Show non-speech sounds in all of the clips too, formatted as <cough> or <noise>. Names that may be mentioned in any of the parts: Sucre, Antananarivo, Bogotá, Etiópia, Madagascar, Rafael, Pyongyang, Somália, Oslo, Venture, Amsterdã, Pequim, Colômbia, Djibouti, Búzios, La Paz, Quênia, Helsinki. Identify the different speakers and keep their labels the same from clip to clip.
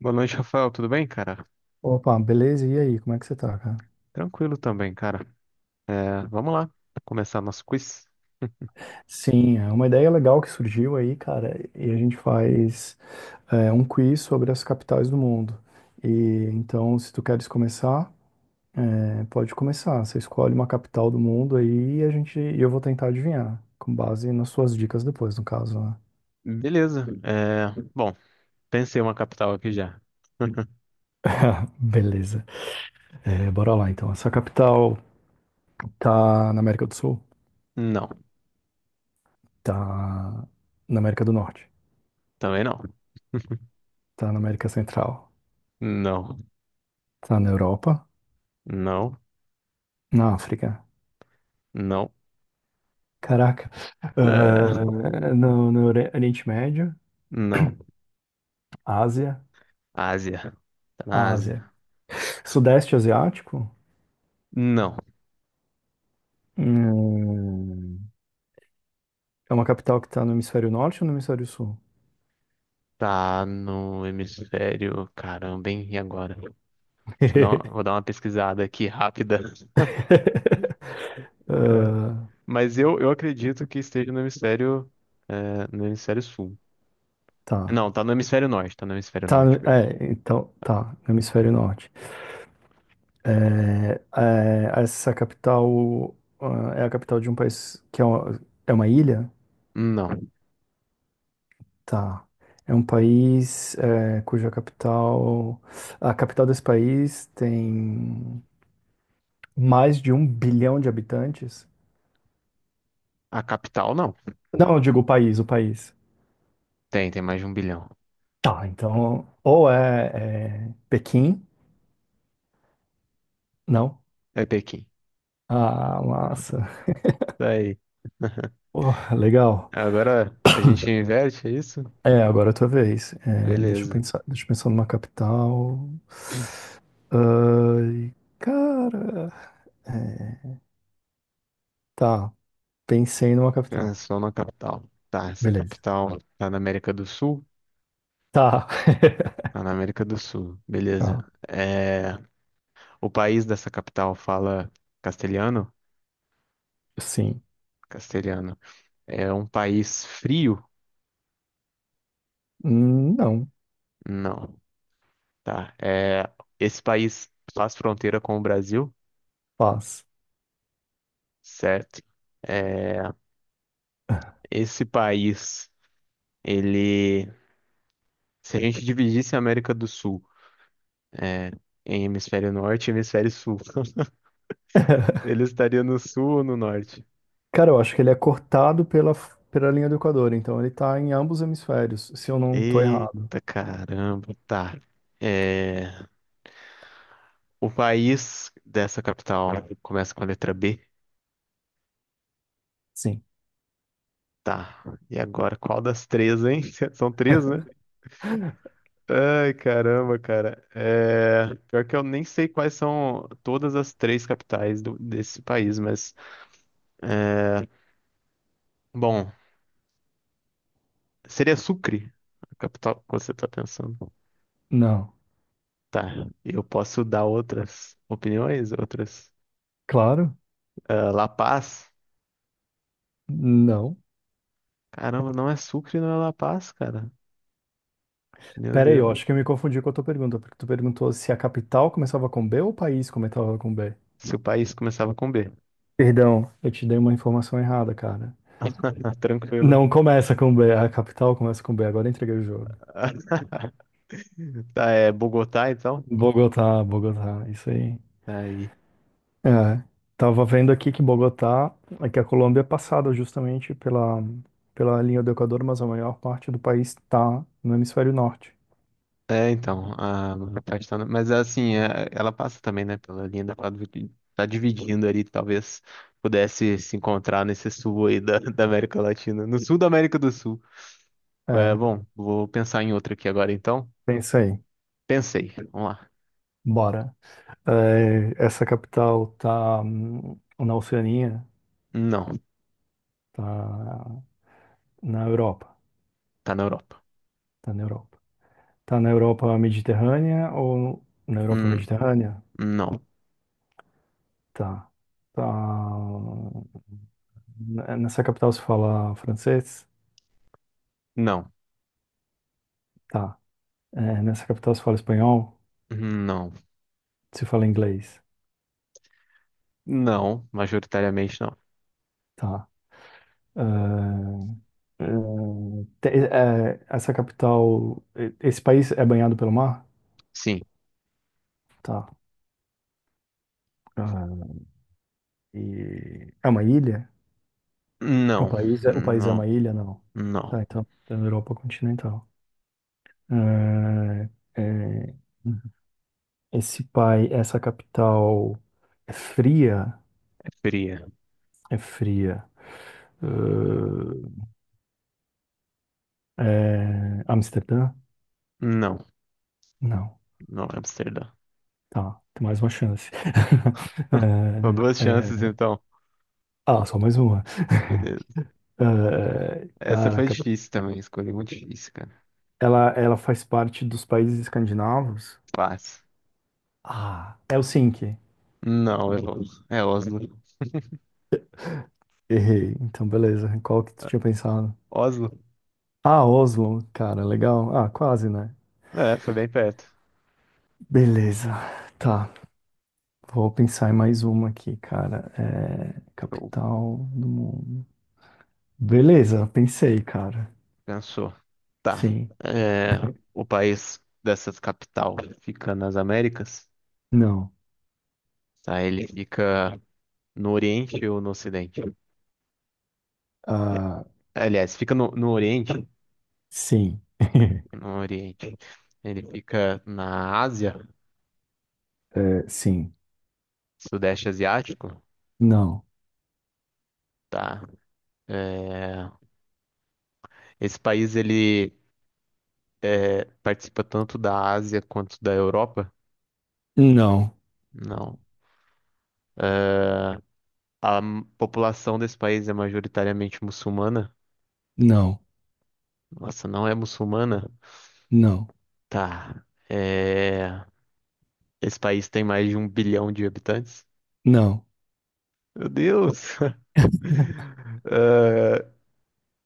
Speaker 1: Boa noite, Rafael. Tudo bem, cara?
Speaker 2: Opa, beleza? E aí, como é que você tá, cara?
Speaker 1: Tranquilo também, cara. Vamos lá, começar nosso quiz. <laughs>
Speaker 2: Sim, é uma ideia legal que surgiu aí, cara, e a gente faz um quiz sobre as capitais do mundo. E então, se tu queres começar, pode começar. Você escolhe uma capital do mundo aí e a gente, e eu vou tentar adivinhar, com base nas suas dicas depois, no caso, né?
Speaker 1: Beleza. Bom, pensei uma capital aqui já. <laughs>
Speaker 2: <laughs> Beleza. É, bora lá, então. Essa capital tá na América do Sul?
Speaker 1: Não,
Speaker 2: Tá na América do Norte?
Speaker 1: também não.
Speaker 2: Tá na América Central?
Speaker 1: Não,
Speaker 2: Tá na Europa?
Speaker 1: não,
Speaker 2: Na África?
Speaker 1: não.
Speaker 2: Caraca.
Speaker 1: É,
Speaker 2: Ah, no, no Ori- Oriente Médio,
Speaker 1: não.
Speaker 2: Ásia,
Speaker 1: Ásia. Tá na Ásia.
Speaker 2: Ásia. Sudeste Asiático,
Speaker 1: Não.
Speaker 2: hum, é uma capital que está no hemisfério norte ou no hemisfério sul?
Speaker 1: Tá no hemisfério. Caramba, hein? E agora? Deixa eu dar uma, vou
Speaker 2: <laughs>
Speaker 1: dar uma pesquisada aqui rápida. <laughs> É, mas eu acredito que esteja no hemisfério, no hemisfério sul.
Speaker 2: Tá.
Speaker 1: Não, tá no hemisfério norte, tá no hemisfério
Speaker 2: Tá,
Speaker 1: norte, perdão.
Speaker 2: então,
Speaker 1: Tá.
Speaker 2: tá, no hemisfério norte. Essa capital, é a capital de um país que é é uma ilha?
Speaker 1: Não.
Speaker 2: Tá. É um país, cuja capital, a capital desse país tem mais de um bilhão de habitantes?
Speaker 1: A capital, não.
Speaker 2: Não, eu digo o país, o país.
Speaker 1: Tem mais de 1 bilhão.
Speaker 2: Tá, então, ou é Pequim? Não.
Speaker 1: É Pequim.
Speaker 2: Ah, massa.
Speaker 1: Tá aí. <laughs>
Speaker 2: Pô, legal.
Speaker 1: Agora a gente inverte, é isso?
Speaker 2: É, agora é a tua vez. É,
Speaker 1: Beleza.
Speaker 2: deixa eu pensar numa capital. Ai, cara. É, Tá, pensei numa
Speaker 1: É
Speaker 2: capital.
Speaker 1: só na capital. Tá, essa
Speaker 2: Beleza.
Speaker 1: capital tá na América do Sul?
Speaker 2: Tá. <laughs>
Speaker 1: Tá na América do Sul. Beleza.
Speaker 2: Tá,
Speaker 1: É... O país dessa capital fala castelhano?
Speaker 2: sim.
Speaker 1: Castelhano. É um país frio?
Speaker 2: Não,
Speaker 1: Não. Tá. Esse país faz fronteira com o Brasil,
Speaker 2: paz.
Speaker 1: certo? É, esse país, ele, se a gente dividisse a América do Sul, é, em hemisfério norte e hemisfério sul, <laughs>
Speaker 2: <laughs>
Speaker 1: ele estaria no sul ou no norte?
Speaker 2: Cara, eu acho que ele é cortado pela linha do Equador, então ele tá em ambos hemisférios, se eu não tô errado.
Speaker 1: Eita, caramba, tá. É, o país dessa capital começa com a letra B,
Speaker 2: Sim.
Speaker 1: tá. E agora, qual das três, hein? <laughs> São três, né? Ai, caramba, cara. É, pior que eu nem sei quais são todas as três capitais do- desse país, mas... É, bom, seria Sucre, a capital que você está pensando.
Speaker 2: Não.
Speaker 1: Tá, eu posso dar outras opiniões, outras.
Speaker 2: Claro?
Speaker 1: Ah, La Paz?
Speaker 2: Não.
Speaker 1: Caramba, não é Sucre, não é La Paz, cara. Meu
Speaker 2: Pera aí, eu
Speaker 1: Deus.
Speaker 2: acho que eu me confundi com a tua pergunta, porque tu perguntou se a capital começava com B ou o país começava com B.
Speaker 1: Se o país começava com B.
Speaker 2: Perdão, eu te dei uma informação errada, cara.
Speaker 1: <laughs> Tranquilo.
Speaker 2: Não começa com B, a capital começa com B, agora entreguei o jogo.
Speaker 1: <laughs> Tá, é Bogotá, então?
Speaker 2: Bogotá, Bogotá, isso aí.
Speaker 1: Tá aí.
Speaker 2: É, tava vendo aqui que Bogotá, é que a Colômbia é passada justamente pela linha do Equador, mas a maior parte do país está no hemisfério norte.
Speaker 1: É, então, a castanha, mas assim, é- ela passa também, né, pela linha da Padre- tá dividindo ali, talvez pudesse se encontrar nesse sul aí da, da América Latina, no sul da América do Sul. É,
Speaker 2: É,
Speaker 1: bom, vou pensar em outra aqui agora então.
Speaker 2: pensa aí.
Speaker 1: Pensei, vamos lá.
Speaker 2: Bora. É, essa capital tá na Oceania,
Speaker 1: Não,
Speaker 2: tá na Europa,
Speaker 1: tá na Europa.
Speaker 2: tá na Europa. Tá na Europa Mediterrânea ou na Europa
Speaker 1: Hum,
Speaker 2: Mediterrânea?
Speaker 1: não,
Speaker 2: Tá. Tá. Nessa capital se fala francês?
Speaker 1: não,
Speaker 2: Tá. Nessa capital se fala espanhol?
Speaker 1: não,
Speaker 2: Você fala inglês.
Speaker 1: não, majoritariamente não.
Speaker 2: Tá. Ah, essa capital. Esse país é banhado pelo mar?
Speaker 1: Sim,
Speaker 2: Tá. Ah, e é uma ilha? O
Speaker 1: não,
Speaker 2: país é, o país é uma
Speaker 1: não,
Speaker 2: ilha? Não.
Speaker 1: não.
Speaker 2: Tá, então é na Europa continental. Ah, eh, essa capital é fria?
Speaker 1: É fria.
Speaker 2: É fria. Ah, é Amsterdã?
Speaker 1: Não,
Speaker 2: Não.
Speaker 1: não é Amsterdã.
Speaker 2: Tá, tem mais uma chance. <laughs>
Speaker 1: <laughs> São duas chances
Speaker 2: É,
Speaker 1: então.
Speaker 2: Só mais uma.
Speaker 1: Beleza.
Speaker 2: <laughs>
Speaker 1: Essa foi
Speaker 2: Caraca,
Speaker 1: difícil também, escolhi muito difícil, cara.
Speaker 2: ela faz parte dos países escandinavos?
Speaker 1: Fácil.
Speaker 2: Ah, Helsinki.
Speaker 1: Não, é Oslo, é Oslo.
Speaker 2: Errei. Então, beleza. Qual que tu tinha pensado?
Speaker 1: Oslo?
Speaker 2: Ah, Oslo. Cara, legal. Ah, quase, né?
Speaker 1: É, foi bem perto.
Speaker 2: Beleza. Tá. Vou pensar em mais uma aqui, cara. É...
Speaker 1: Show.
Speaker 2: Capital do mundo. Beleza, pensei, cara.
Speaker 1: Pensou. Tá.
Speaker 2: Sim.
Speaker 1: É, o país dessa capital fica nas Américas,
Speaker 2: Não.
Speaker 1: tá? Ele fica no Oriente ou no Ocidente?
Speaker 2: Ah,
Speaker 1: Aliás, fica no, no Oriente,
Speaker 2: sim. <laughs>
Speaker 1: no Oriente. Ele fica na Ásia,
Speaker 2: É, sim.
Speaker 1: Sudeste Asiático,
Speaker 2: Não.
Speaker 1: tá? É, esse país, ele é, participa tanto da Ásia quanto da Europa?
Speaker 2: Não.
Speaker 1: Não. É, a m- população desse país é majoritariamente muçulmana?
Speaker 2: Não.
Speaker 1: Nossa, não é muçulmana?
Speaker 2: Não.
Speaker 1: Tá. É, esse país tem mais de 1 bilhão de habitantes?
Speaker 2: Não.
Speaker 1: Meu Deus! <laughs> É,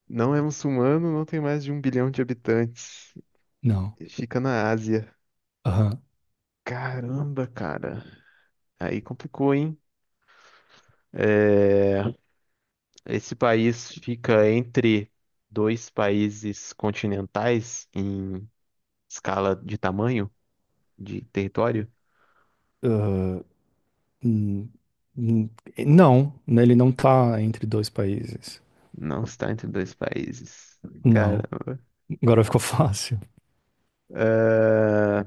Speaker 1: não é muçulmano, não tem mais de 1 bilhão de habitantes.
Speaker 2: Não.
Speaker 1: Fica na Ásia.
Speaker 2: Aham.
Speaker 1: Caramba, cara. Aí complicou, hein? Esse país fica entre dois países continentais em escala de tamanho, de território?
Speaker 2: Ah, hum, hum, não, né, ele não tá entre dois países.
Speaker 1: Não está entre dois países.
Speaker 2: Não.
Speaker 1: Caramba.
Speaker 2: Agora ficou <laughs> fácil.
Speaker 1: Ah,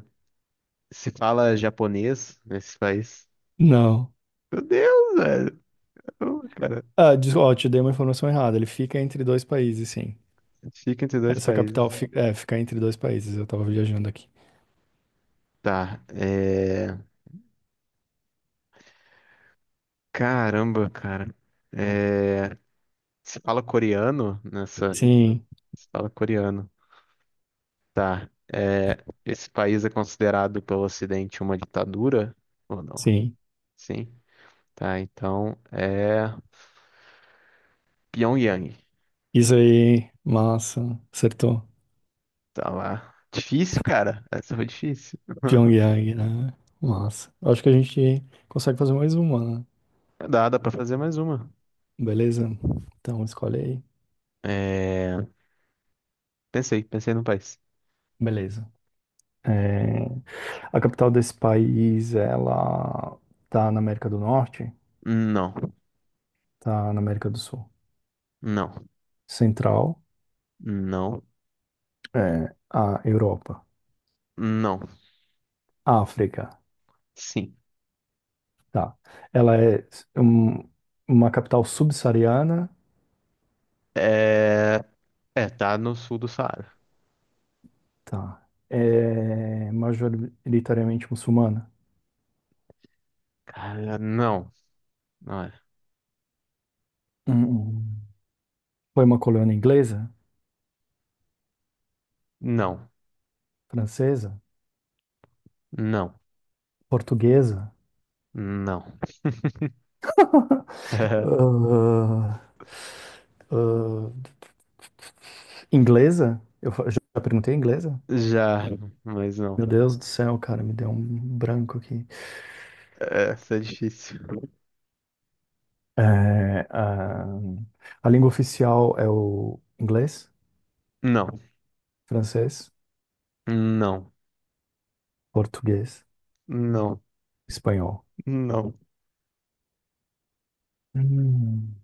Speaker 1: se fala japonês nesse país?
Speaker 2: Não.
Speaker 1: Meu Deus, velho. Ô, cara,
Speaker 2: Ó, te dei uma informação errada. Ele fica entre dois países, sim.
Speaker 1: fica entre dois
Speaker 2: Essa capital
Speaker 1: países.
Speaker 2: fica entre dois países. Eu tava viajando aqui.
Speaker 1: Tá. Caramba, cara. É... Se fala coreano nessa.
Speaker 2: Sim,
Speaker 1: Se fala coreano. Tá. É, esse país é considerado pelo Ocidente uma ditadura? Ou não?
Speaker 2: sim.
Speaker 1: Sim. Tá, então é Pyongyang.
Speaker 2: Isso aí, massa. Acertou.
Speaker 1: Tá lá. Difícil, cara. Essa foi difícil.
Speaker 2: Pyongyang, né? Massa. Acho que a gente consegue fazer mais uma, né?
Speaker 1: Dá, dá pra fazer mais uma.
Speaker 2: Beleza? Então escolhe aí.
Speaker 1: É... Pensei, pensei no país.
Speaker 2: Beleza. É, A capital desse país, ela tá na América do Norte,
Speaker 1: Não,
Speaker 2: tá na América do Sul,
Speaker 1: não,
Speaker 2: Central,
Speaker 1: não,
Speaker 2: é, a Europa,
Speaker 1: não.
Speaker 2: África,
Speaker 1: Sim.
Speaker 2: tá. Ela é um- uma capital subsaariana,
Speaker 1: É... É, tá no sul do Saara.
Speaker 2: tá. É majoritariamente muçulmana.
Speaker 1: Cara, não. Não é.
Speaker 2: Hum. Foi uma colônia inglesa,
Speaker 1: Não,
Speaker 2: francesa,
Speaker 1: não,
Speaker 2: portuguesa,
Speaker 1: não. <laughs> É,
Speaker 2: ah, ah, inglesa. Eu já perguntei inglesa?
Speaker 1: já, mas não.
Speaker 2: Meu Deus do céu, cara, me deu um branco aqui.
Speaker 1: Essa é difícil.
Speaker 2: É, a língua oficial é o inglês,
Speaker 1: Não,
Speaker 2: francês,
Speaker 1: não,
Speaker 2: português,
Speaker 1: não,
Speaker 2: espanhol.
Speaker 1: não.
Speaker 2: Hum.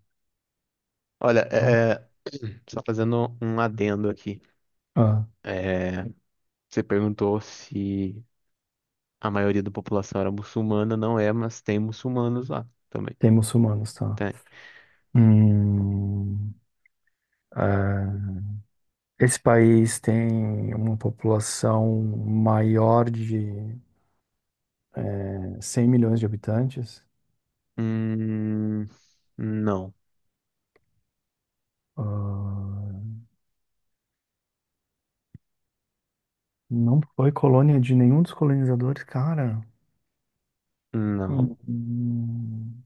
Speaker 1: Olha, <clears throat> só fazendo um adendo aqui.
Speaker 2: Ah,
Speaker 1: É, você perguntou se a maioria da população era muçulmana, não é, mas tem muçulmanos lá também.
Speaker 2: tem muçulmanos, tá?
Speaker 1: Tem.
Speaker 2: Hum, ah, esse país tem uma população maior de 100 milhões de habitantes.
Speaker 1: Hum, não,
Speaker 2: Ah, não foi colônia de nenhum dos colonizadores, cara.
Speaker 1: não.
Speaker 2: Hum,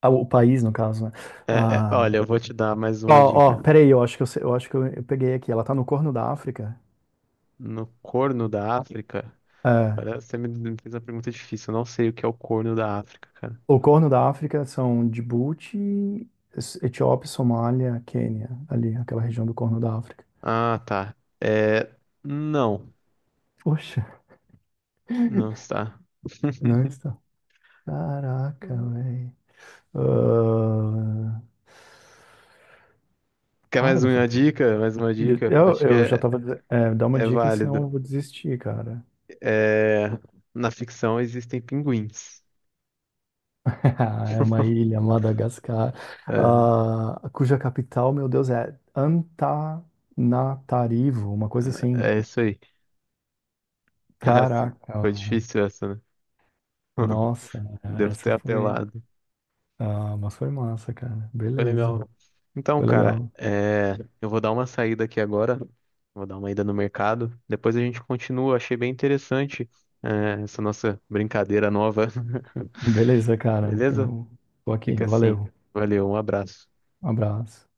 Speaker 2: O país, no caso, né? Ah,
Speaker 1: Olha, eu vou te dar mais uma dica.
Speaker 2: peraí, eu acho que eu peguei aqui. Ela tá no Corno da África.
Speaker 1: No Corno da África.
Speaker 2: É,
Speaker 1: Olha, você me fez uma pergunta difícil. Eu não sei o que é o Corno da África, cara.
Speaker 2: o Corno da África são Djibouti, Etiópia, Somália, Quênia, ali, aquela região do Corno da África.
Speaker 1: Ah, tá. É, não.
Speaker 2: Poxa,
Speaker 1: Não está.
Speaker 2: não
Speaker 1: <laughs>
Speaker 2: está. Caraca, velho. Ah,
Speaker 1: Quer
Speaker 2: cara,
Speaker 1: mais
Speaker 2: não
Speaker 1: uma
Speaker 2: faço.
Speaker 1: dica? Mais uma dica? Acho que
Speaker 2: Eu já
Speaker 1: é,
Speaker 2: tava. Dizendo- É, dá uma
Speaker 1: é
Speaker 2: dica, senão
Speaker 1: válido.
Speaker 2: eu vou desistir, cara.
Speaker 1: É, na ficção existem pinguins.
Speaker 2: <laughs> É uma ilha, Madagascar,
Speaker 1: É,
Speaker 2: ah, cuja capital, meu Deus, é Antananarivo, uma coisa assim.
Speaker 1: é isso aí. Essa-
Speaker 2: Caraca,
Speaker 1: foi
Speaker 2: meu.
Speaker 1: difícil essa, né?
Speaker 2: Nossa,
Speaker 1: <laughs> Devo
Speaker 2: essa
Speaker 1: ter
Speaker 2: foi.
Speaker 1: apelado.
Speaker 2: Ah, mas foi massa, cara.
Speaker 1: Foi
Speaker 2: Beleza,
Speaker 1: legal. Então,
Speaker 2: foi
Speaker 1: cara,
Speaker 2: legal.
Speaker 1: é, eu vou dar uma saída aqui agora. Vou dar uma ida no mercado. Depois a gente continua. Achei bem interessante, é, essa nossa brincadeira nova.
Speaker 2: Beleza,
Speaker 1: <laughs>
Speaker 2: cara.
Speaker 1: Beleza?
Speaker 2: Então, tô aqui.
Speaker 1: Fica assim.
Speaker 2: Valeu,
Speaker 1: Valeu, um abraço.
Speaker 2: um abraço.